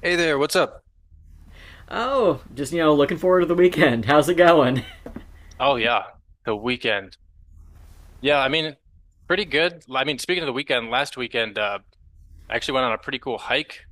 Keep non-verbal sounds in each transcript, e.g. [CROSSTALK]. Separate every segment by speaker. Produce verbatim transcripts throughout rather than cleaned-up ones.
Speaker 1: Hey there, what's up?
Speaker 2: Oh, just you know, looking forward to the weekend. [LAUGHS] How's it going? [LAUGHS]
Speaker 1: Oh yeah, the weekend. Yeah, I mean, pretty good. I mean, speaking of the weekend, last weekend, uh, I actually went on a pretty cool hike.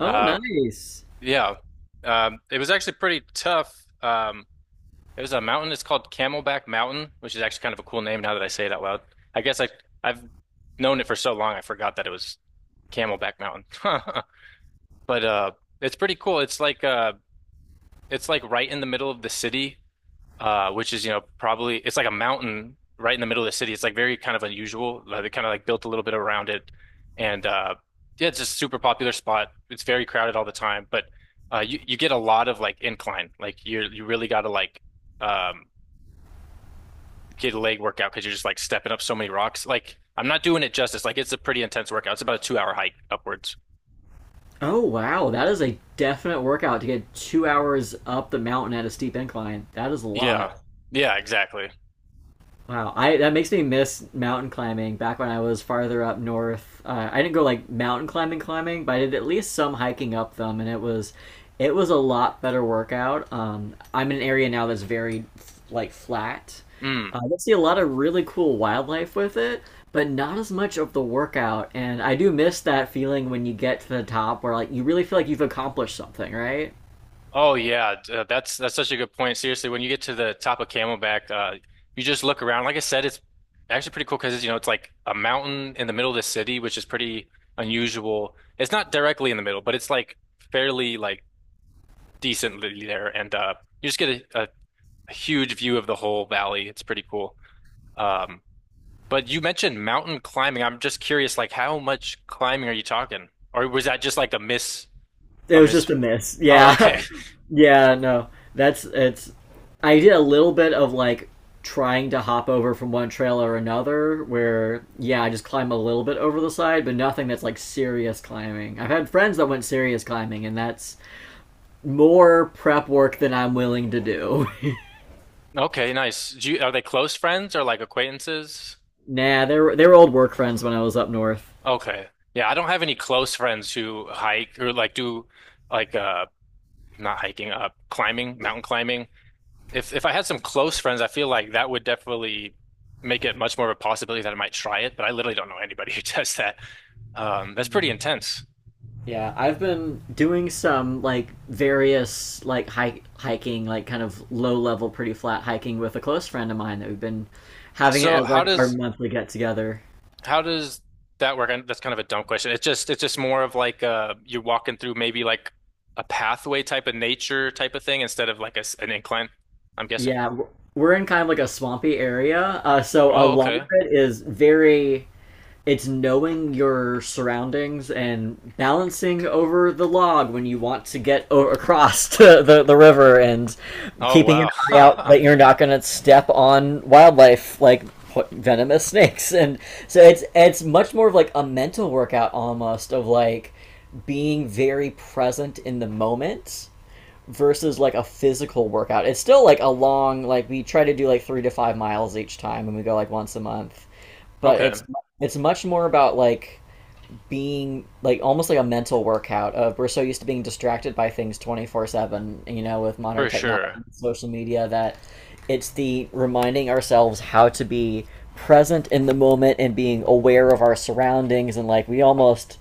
Speaker 2: Oh,
Speaker 1: Uh,
Speaker 2: nice.
Speaker 1: yeah, um, it was actually pretty tough. Um, it was a mountain. It's called Camelback Mountain, which is actually kind of a cool name now that I say it out loud. I guess I I've known it for so long, I forgot that it was Camelback Mountain. [LAUGHS] But uh, it's pretty cool. It's like uh, it's like right in the middle of the city. Uh, which is, you know, probably it's like a mountain right in the middle of the city. It's like very kind of unusual. Uh, they kind of like built a little bit around it, and uh, yeah, it's just a super popular spot. It's very crowded all the time, but uh, you you get a lot of like incline. Like you you really got to like um, get a leg workout because you're just like stepping up so many rocks. Like I'm not doing it justice. Like it's a pretty intense workout. It's about a two hour hike upwards.
Speaker 2: Oh, wow. That is a definite workout to get two hours up the mountain at a steep incline. That is a lot.
Speaker 1: Yeah, yeah, exactly.
Speaker 2: Wow, I that makes me miss mountain climbing. Back when I was farther up north, uh, I didn't go like mountain climbing, climbing, but I did at least some hiking up them, and it was, it was a lot better workout. Um, I'm in an area now that's very like flat. Uh,
Speaker 1: Mm.
Speaker 2: I see a lot of really cool wildlife with it, but not as much of the workout. And I do miss that feeling when you get to the top, where like you really feel like you've accomplished something, right?
Speaker 1: Oh yeah, d- uh, that's that's such a good point. Seriously, when you get to the top of Camelback, uh, you just look around. Like I said, it's actually pretty cool because you know it's like a mountain in the middle of the city, which is pretty unusual. It's not directly in the middle, but it's like fairly like decently there, and uh, you just get a, a huge view of the whole valley. It's pretty cool. Um, but you mentioned mountain climbing. I'm just curious, like how much climbing are you talking, or was that just like a miss
Speaker 2: It
Speaker 1: a
Speaker 2: was
Speaker 1: miss?
Speaker 2: just a miss.
Speaker 1: Oh, okay.
Speaker 2: Yeah. [LAUGHS] Yeah, no. That's it's I did a little bit of like trying to hop over from one trail or another where yeah, I just climb a little bit over the side, but nothing that's like serious climbing. I've had friends that went serious climbing and that's more prep work than I'm willing to do.
Speaker 1: Okay, nice. Do you, are they close friends or like acquaintances?
Speaker 2: [LAUGHS] Nah, they were they were old work friends when I was up north.
Speaker 1: Okay. Yeah, I don't have any close friends who hike or like do like uh not hiking, uh climbing, mountain climbing. If if I had some close friends, I feel like that would definitely make it much more of a possibility that I might try it, but I literally don't know anybody [LAUGHS] who does that. Um, that's pretty
Speaker 2: Yeah.
Speaker 1: intense.
Speaker 2: Yeah, I've been doing some like various like hike hiking, like kind of low level, pretty flat hiking with a close friend of mine that we've been having it
Speaker 1: So
Speaker 2: as
Speaker 1: how
Speaker 2: like our
Speaker 1: does
Speaker 2: monthly get together.
Speaker 1: How does that work? And That's kind of a dumb question. It's just it's just more of like uh you're walking through maybe like a pathway type of nature type of thing instead of like a s an incline, I'm guessing.
Speaker 2: Yeah, we're we're in kind of like a swampy area, uh, so a
Speaker 1: Oh,
Speaker 2: lot of
Speaker 1: okay.
Speaker 2: it is very it's knowing your surroundings and balancing over the log when you want to get o- across [LAUGHS] to the, the river and
Speaker 1: Oh,
Speaker 2: keeping an
Speaker 1: wow.
Speaker 2: eye out that
Speaker 1: [LAUGHS]
Speaker 2: you're not going to step on wildlife like venomous [LAUGHS] snakes and so it's it's much more of like a mental workout almost of like being very present in the moment versus like a physical workout. It's still like a long like we try to do like three to five miles each time and we go like once a month. But
Speaker 1: Okay,
Speaker 2: it's it's much more about like being like almost like a mental workout of we're so used to being distracted by things twenty-four seven, you know, with modern
Speaker 1: for
Speaker 2: technology
Speaker 1: sure.
Speaker 2: and social media. That it's the reminding ourselves how to be present in the moment and being aware of our surroundings, and like we almost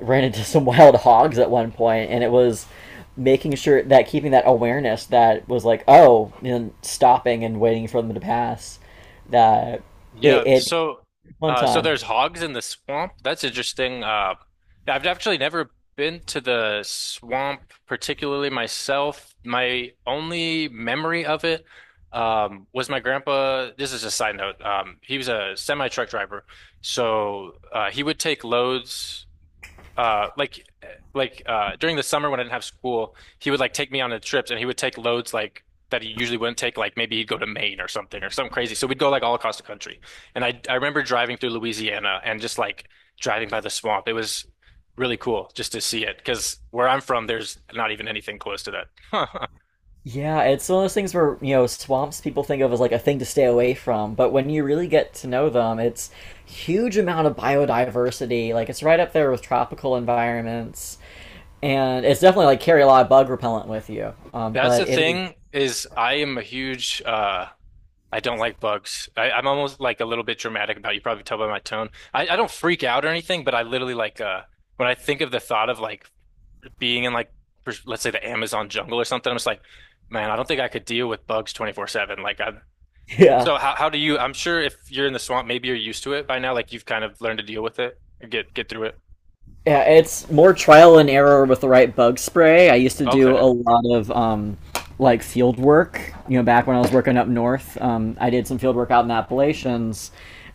Speaker 2: ran into [LAUGHS] some wild hogs at one point, and it was making sure that keeping that awareness that was like oh, and stopping and waiting for them to pass that
Speaker 1: Yeah,
Speaker 2: it, it
Speaker 1: so
Speaker 2: one
Speaker 1: uh so
Speaker 2: time
Speaker 1: there's hogs in the swamp. That's interesting. Uh I've actually never been to the swamp particularly myself. My only memory of it um was my grandpa, this is a side note. Um he was a semi truck driver. So uh he would take loads uh like like uh during the summer when I didn't have school, he would like take me on the trips and he would take loads like that he usually wouldn't take, like maybe he'd go to Maine or something or something crazy. So we'd go like all across the country. And I I remember driving through Louisiana and just like driving by the swamp. It was really cool just to see it because where I'm from, there's not even anything close to that.
Speaker 2: Yeah, it's one of those things where, you know, swamps people think of as like a thing to stay away from, but when you really get to know them, it's huge amount of biodiversity. Like it's right up there with tropical environments. And it's definitely like carry a lot of bug repellent with you.
Speaker 1: [LAUGHS]
Speaker 2: Um,
Speaker 1: That's
Speaker 2: but
Speaker 1: the
Speaker 2: it is
Speaker 1: thing is I am a huge uh I don't like bugs. I, I'm almost like a little bit dramatic about it. You probably tell by my tone. I, I don't freak out or anything, but I literally like uh when I think of the thought of like being in like pers- let's say the Amazon jungle or something, I'm just like, man, I don't think I could deal with bugs twenty-four seven. Like I
Speaker 2: [LAUGHS] yeah.
Speaker 1: So how how do you? I'm sure if you're in the swamp, maybe you're used to it by now, like you've kind of learned to deal with it or get get through it.
Speaker 2: Yeah, it's more trial and error with the right bug spray. I used to do a
Speaker 1: Okay.
Speaker 2: lot of um, like field work. You know, back when I was working up north, um, I did some field work out in the Appalachians,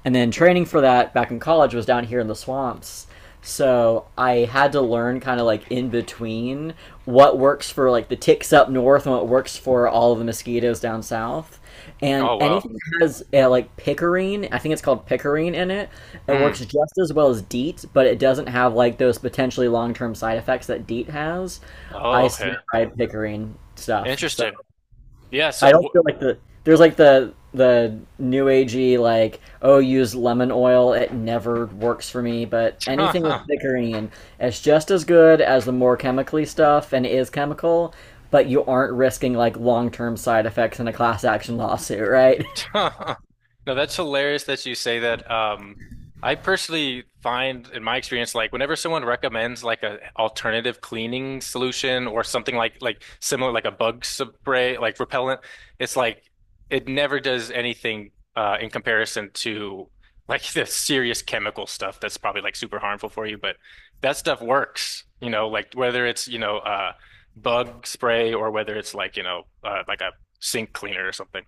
Speaker 2: and then training for that back in college was down here in the swamps. So I had to learn kind of like in between what works for like the ticks up north and what works for all of the mosquitoes down south. And
Speaker 1: Oh wow.
Speaker 2: anything that has uh, like picarine. I think it's called picarine in it. It works
Speaker 1: Hmm.
Speaker 2: just as well as DEET, but it doesn't have like those potentially long term side effects that DEET has.
Speaker 1: Oh,
Speaker 2: I swear
Speaker 1: okay.
Speaker 2: by picarine stuff. So
Speaker 1: Interesting. Yeah,
Speaker 2: I don't
Speaker 1: so
Speaker 2: feel like the there's like the the new agey like oh use lemon oil, it never works for me, but anything with
Speaker 1: wh- [LAUGHS]
Speaker 2: thickerine is just as good as the more chemically stuff, and it is chemical, but you aren't risking like long-term side effects in a class action lawsuit. [LAUGHS] Right.
Speaker 1: [LAUGHS] No, that's hilarious that you say that. Um, I personally find in my experience, like whenever someone recommends like a alternative cleaning solution or something like like similar, like a bug spray, like repellent, it's like it never does anything uh, in comparison to like [LAUGHS] the serious chemical stuff that's probably like super harmful for you. But that stuff works, you know, like whether it's, you know, uh, bug spray or whether it's like, you know, uh, like a sink cleaner or something.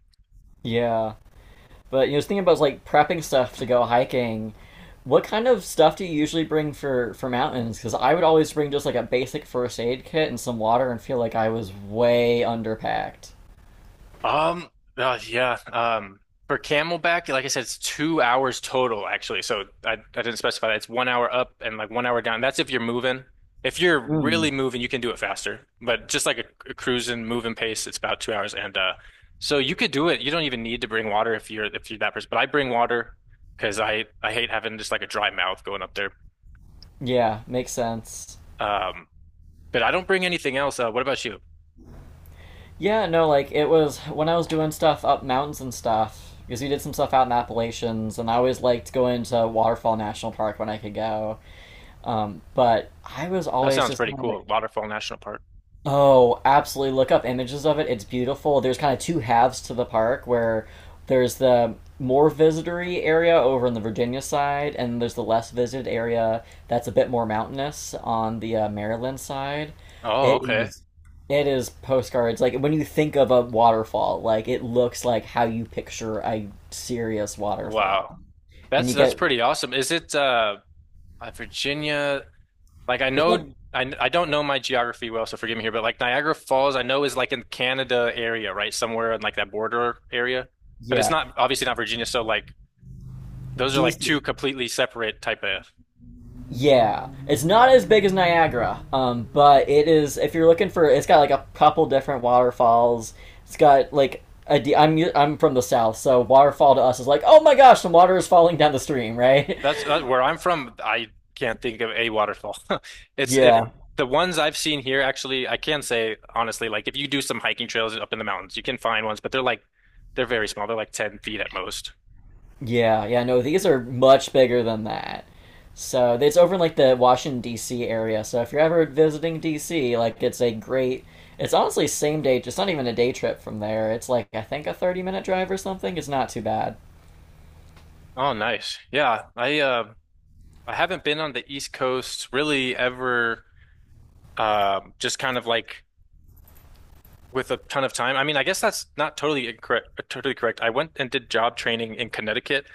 Speaker 2: Yeah, but you know, just thinking about like prepping stuff to go hiking. What kind of stuff do you usually bring for for mountains? Because I would always bring just like a basic first aid kit and some water, and feel like I was way underpacked.
Speaker 1: Um, uh, yeah. Um, for Camelback, like I said, it's two hours total actually. So I, I didn't specify that. It's one hour up and like one hour down. That's if you're moving. If you're really
Speaker 2: Mm.
Speaker 1: moving, you can do it faster. But just like a, a cruising, moving pace, it's about two hours. And uh, so you could do it. You don't even need to bring water if you're if you're that person. But I bring water because I I hate having just like a dry mouth going up there.
Speaker 2: Yeah, makes sense.
Speaker 1: Um, but I don't bring anything else. Uh, what about you?
Speaker 2: Yeah, no, like it was when I was doing stuff up mountains and stuff because we did some stuff out in Appalachians, and I always liked going to Waterfall National Park when I could go. Um, but I was
Speaker 1: That
Speaker 2: always
Speaker 1: sounds
Speaker 2: just
Speaker 1: pretty
Speaker 2: kind of like,
Speaker 1: cool. Waterfall National Park.
Speaker 2: Oh, absolutely. Look up images of it. It's beautiful. There's kind of two halves to the park where there's the more visitory area over on the Virginia side, and there's the less visited area that's a bit more mountainous on the uh, Maryland side.
Speaker 1: Oh,
Speaker 2: It
Speaker 1: okay.
Speaker 2: is. It is postcards. Like when you think of a waterfall, like it looks like how you picture a serious waterfall.
Speaker 1: Wow.
Speaker 2: And
Speaker 1: That's
Speaker 2: you
Speaker 1: that's
Speaker 2: get
Speaker 1: pretty awesome. Is it uh, uh, Virginia? Like I
Speaker 2: it's like
Speaker 1: know I, I don't know my geography well, so forgive me here, but like Niagara Falls, I know is like in Canada area, right? Somewhere in like that border area. But it's
Speaker 2: Yeah,
Speaker 1: not obviously not Virginia, so like those are like two
Speaker 2: D C.
Speaker 1: completely separate type of
Speaker 2: Yeah, it's not as big as Niagara, um, but it is. If you're looking for, it's got like a couple different waterfalls. It's got like I D- I u- I'm from the south, so waterfall to us is like, oh my gosh, some water is falling down the stream, right?
Speaker 1: that's uh, where I'm from. I can't think of a waterfall. [LAUGHS]
Speaker 2: [LAUGHS]
Speaker 1: It's if
Speaker 2: Yeah,
Speaker 1: the ones I've seen here actually, I can say honestly, like if you do some hiking trails up in the mountains, you can find ones, but they're like they're very small. They're like ten feet at most.
Speaker 2: yeah, yeah. No, these are much bigger than that. So it's over in like the Washington D C area. So if you're ever visiting D C, like it's a great. It's honestly same day. It's not even a day trip from there. It's like I think a thirty minute drive or something. It's not too bad.
Speaker 1: Oh, nice. Yeah, I uh, I haven't been on the East Coast really ever. Um, just kind of like with a ton of time. I mean, I guess that's not totally incorrect. uh, Totally correct. I went and did job training in Connecticut,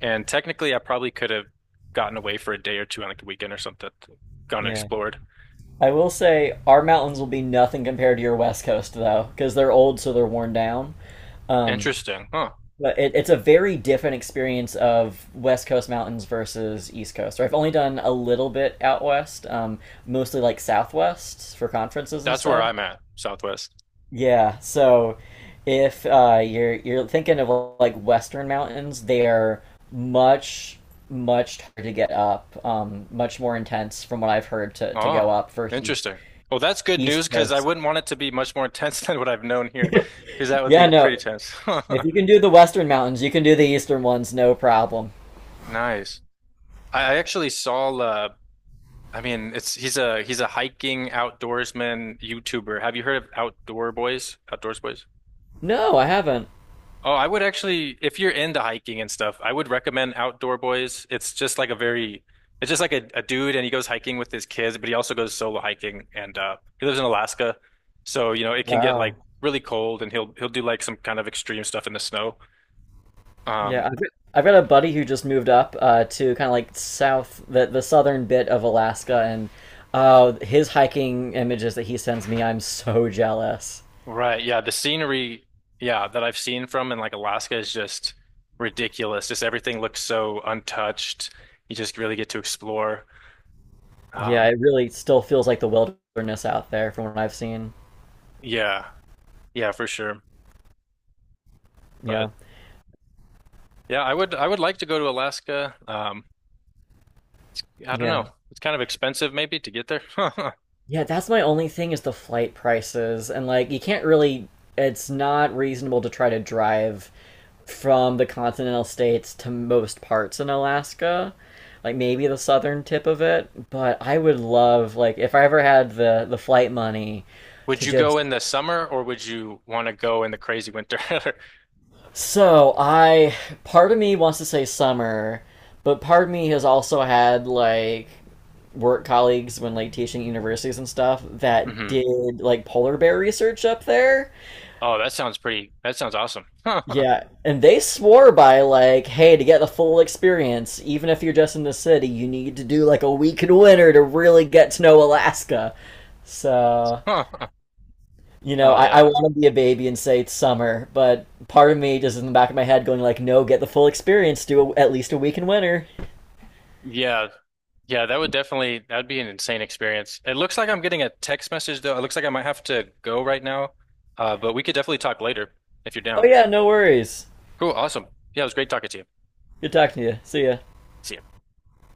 Speaker 1: and technically, I probably could have gotten away for a day or two on like a weekend or something, gone and
Speaker 2: Yeah.
Speaker 1: explored.
Speaker 2: I will say our mountains will be nothing compared to your West Coast though, because they're old, so they're worn down. Um,
Speaker 1: Interesting, huh?
Speaker 2: but it, it's a very different experience of West Coast mountains versus East Coast. Or I've only done a little bit out west, um, mostly like Southwest for conferences and
Speaker 1: That's where
Speaker 2: stuff.
Speaker 1: I'm at, Southwest.
Speaker 2: Yeah, so if uh, you're you're thinking of like Western mountains, they are much much harder to get up, um, much more intense from what I've heard to to go
Speaker 1: Oh,
Speaker 2: up versus
Speaker 1: interesting. Well, that's good
Speaker 2: East
Speaker 1: news because I
Speaker 2: Coast.
Speaker 1: wouldn't want it to be much more intense [LAUGHS] than what I've known here,
Speaker 2: [LAUGHS]
Speaker 1: because that would be
Speaker 2: Yeah,
Speaker 1: pretty
Speaker 2: no.
Speaker 1: tense.
Speaker 2: If
Speaker 1: [LAUGHS]
Speaker 2: you can do the western mountains, you can do the eastern ones, no problem.
Speaker 1: Nice. I I actually saw uh I mean it's he's a he's a hiking outdoorsman YouTuber. Have you heard of Outdoor Boys? Outdoors Boys?
Speaker 2: No, I haven't.
Speaker 1: Oh, I would actually if you're into hiking and stuff, I would recommend Outdoor Boys. It's just like a very it's just like a, a dude and he goes hiking with his kids, but he also goes solo hiking and uh he lives in Alaska. So, you know, it can get
Speaker 2: Wow.
Speaker 1: like really cold and he'll he'll do like some kind of extreme stuff in the snow.
Speaker 2: Yeah,
Speaker 1: Um
Speaker 2: I've, I've got a buddy who just moved up uh, to kind of like south, the, the southern bit of Alaska, and uh, his hiking images that he sends me, I'm so jealous.
Speaker 1: Right. Yeah. The scenery, yeah, that I've seen from in like Alaska is just ridiculous. Just everything looks so untouched. You just really get to explore.
Speaker 2: Yeah,
Speaker 1: Um,
Speaker 2: it really still feels like the wilderness out there from what I've seen.
Speaker 1: yeah. Yeah, for sure.
Speaker 2: Yeah,
Speaker 1: But yeah, I would I would like to go to Alaska. Um, I don't
Speaker 2: yeah.
Speaker 1: know. It's kind of expensive maybe to get there. [LAUGHS]
Speaker 2: Yeah, that's my only thing is the flight prices. And like you can't really it's not reasonable to try to drive from the continental states to most parts in Alaska. Like maybe the southern tip of it, but I would love like if I ever had the the flight money
Speaker 1: Would
Speaker 2: to
Speaker 1: you go in
Speaker 2: just
Speaker 1: the summer or would you want to go in the crazy winter?
Speaker 2: so I part of me wants to say summer, but part of me has also had like work colleagues when like teaching universities and stuff
Speaker 1: [LAUGHS]
Speaker 2: that
Speaker 1: Hmm.
Speaker 2: did like polar bear research up there.
Speaker 1: Oh, that sounds pretty. That sounds awesome. [LAUGHS]
Speaker 2: Yeah, and they swore by like, hey, to get the full experience, even if you're just in the city, you need to do like a week in winter to really get to know Alaska. So
Speaker 1: Oh
Speaker 2: you know, I, I
Speaker 1: yeah.
Speaker 2: want to be a baby and say it's summer, but part of me just in the back of my head going like, no, get the full experience, do a, at least a week in winter.
Speaker 1: Yeah. Yeah, that would definitely that would be an insane experience. It looks like I'm getting a text message though. It looks like I might have to go right now. Uh, but we could definitely talk later if you're
Speaker 2: Oh
Speaker 1: down.
Speaker 2: yeah, no worries.
Speaker 1: Cool, awesome. Yeah, it was great talking to you.
Speaker 2: Good talking to you. See ya.
Speaker 1: See ya.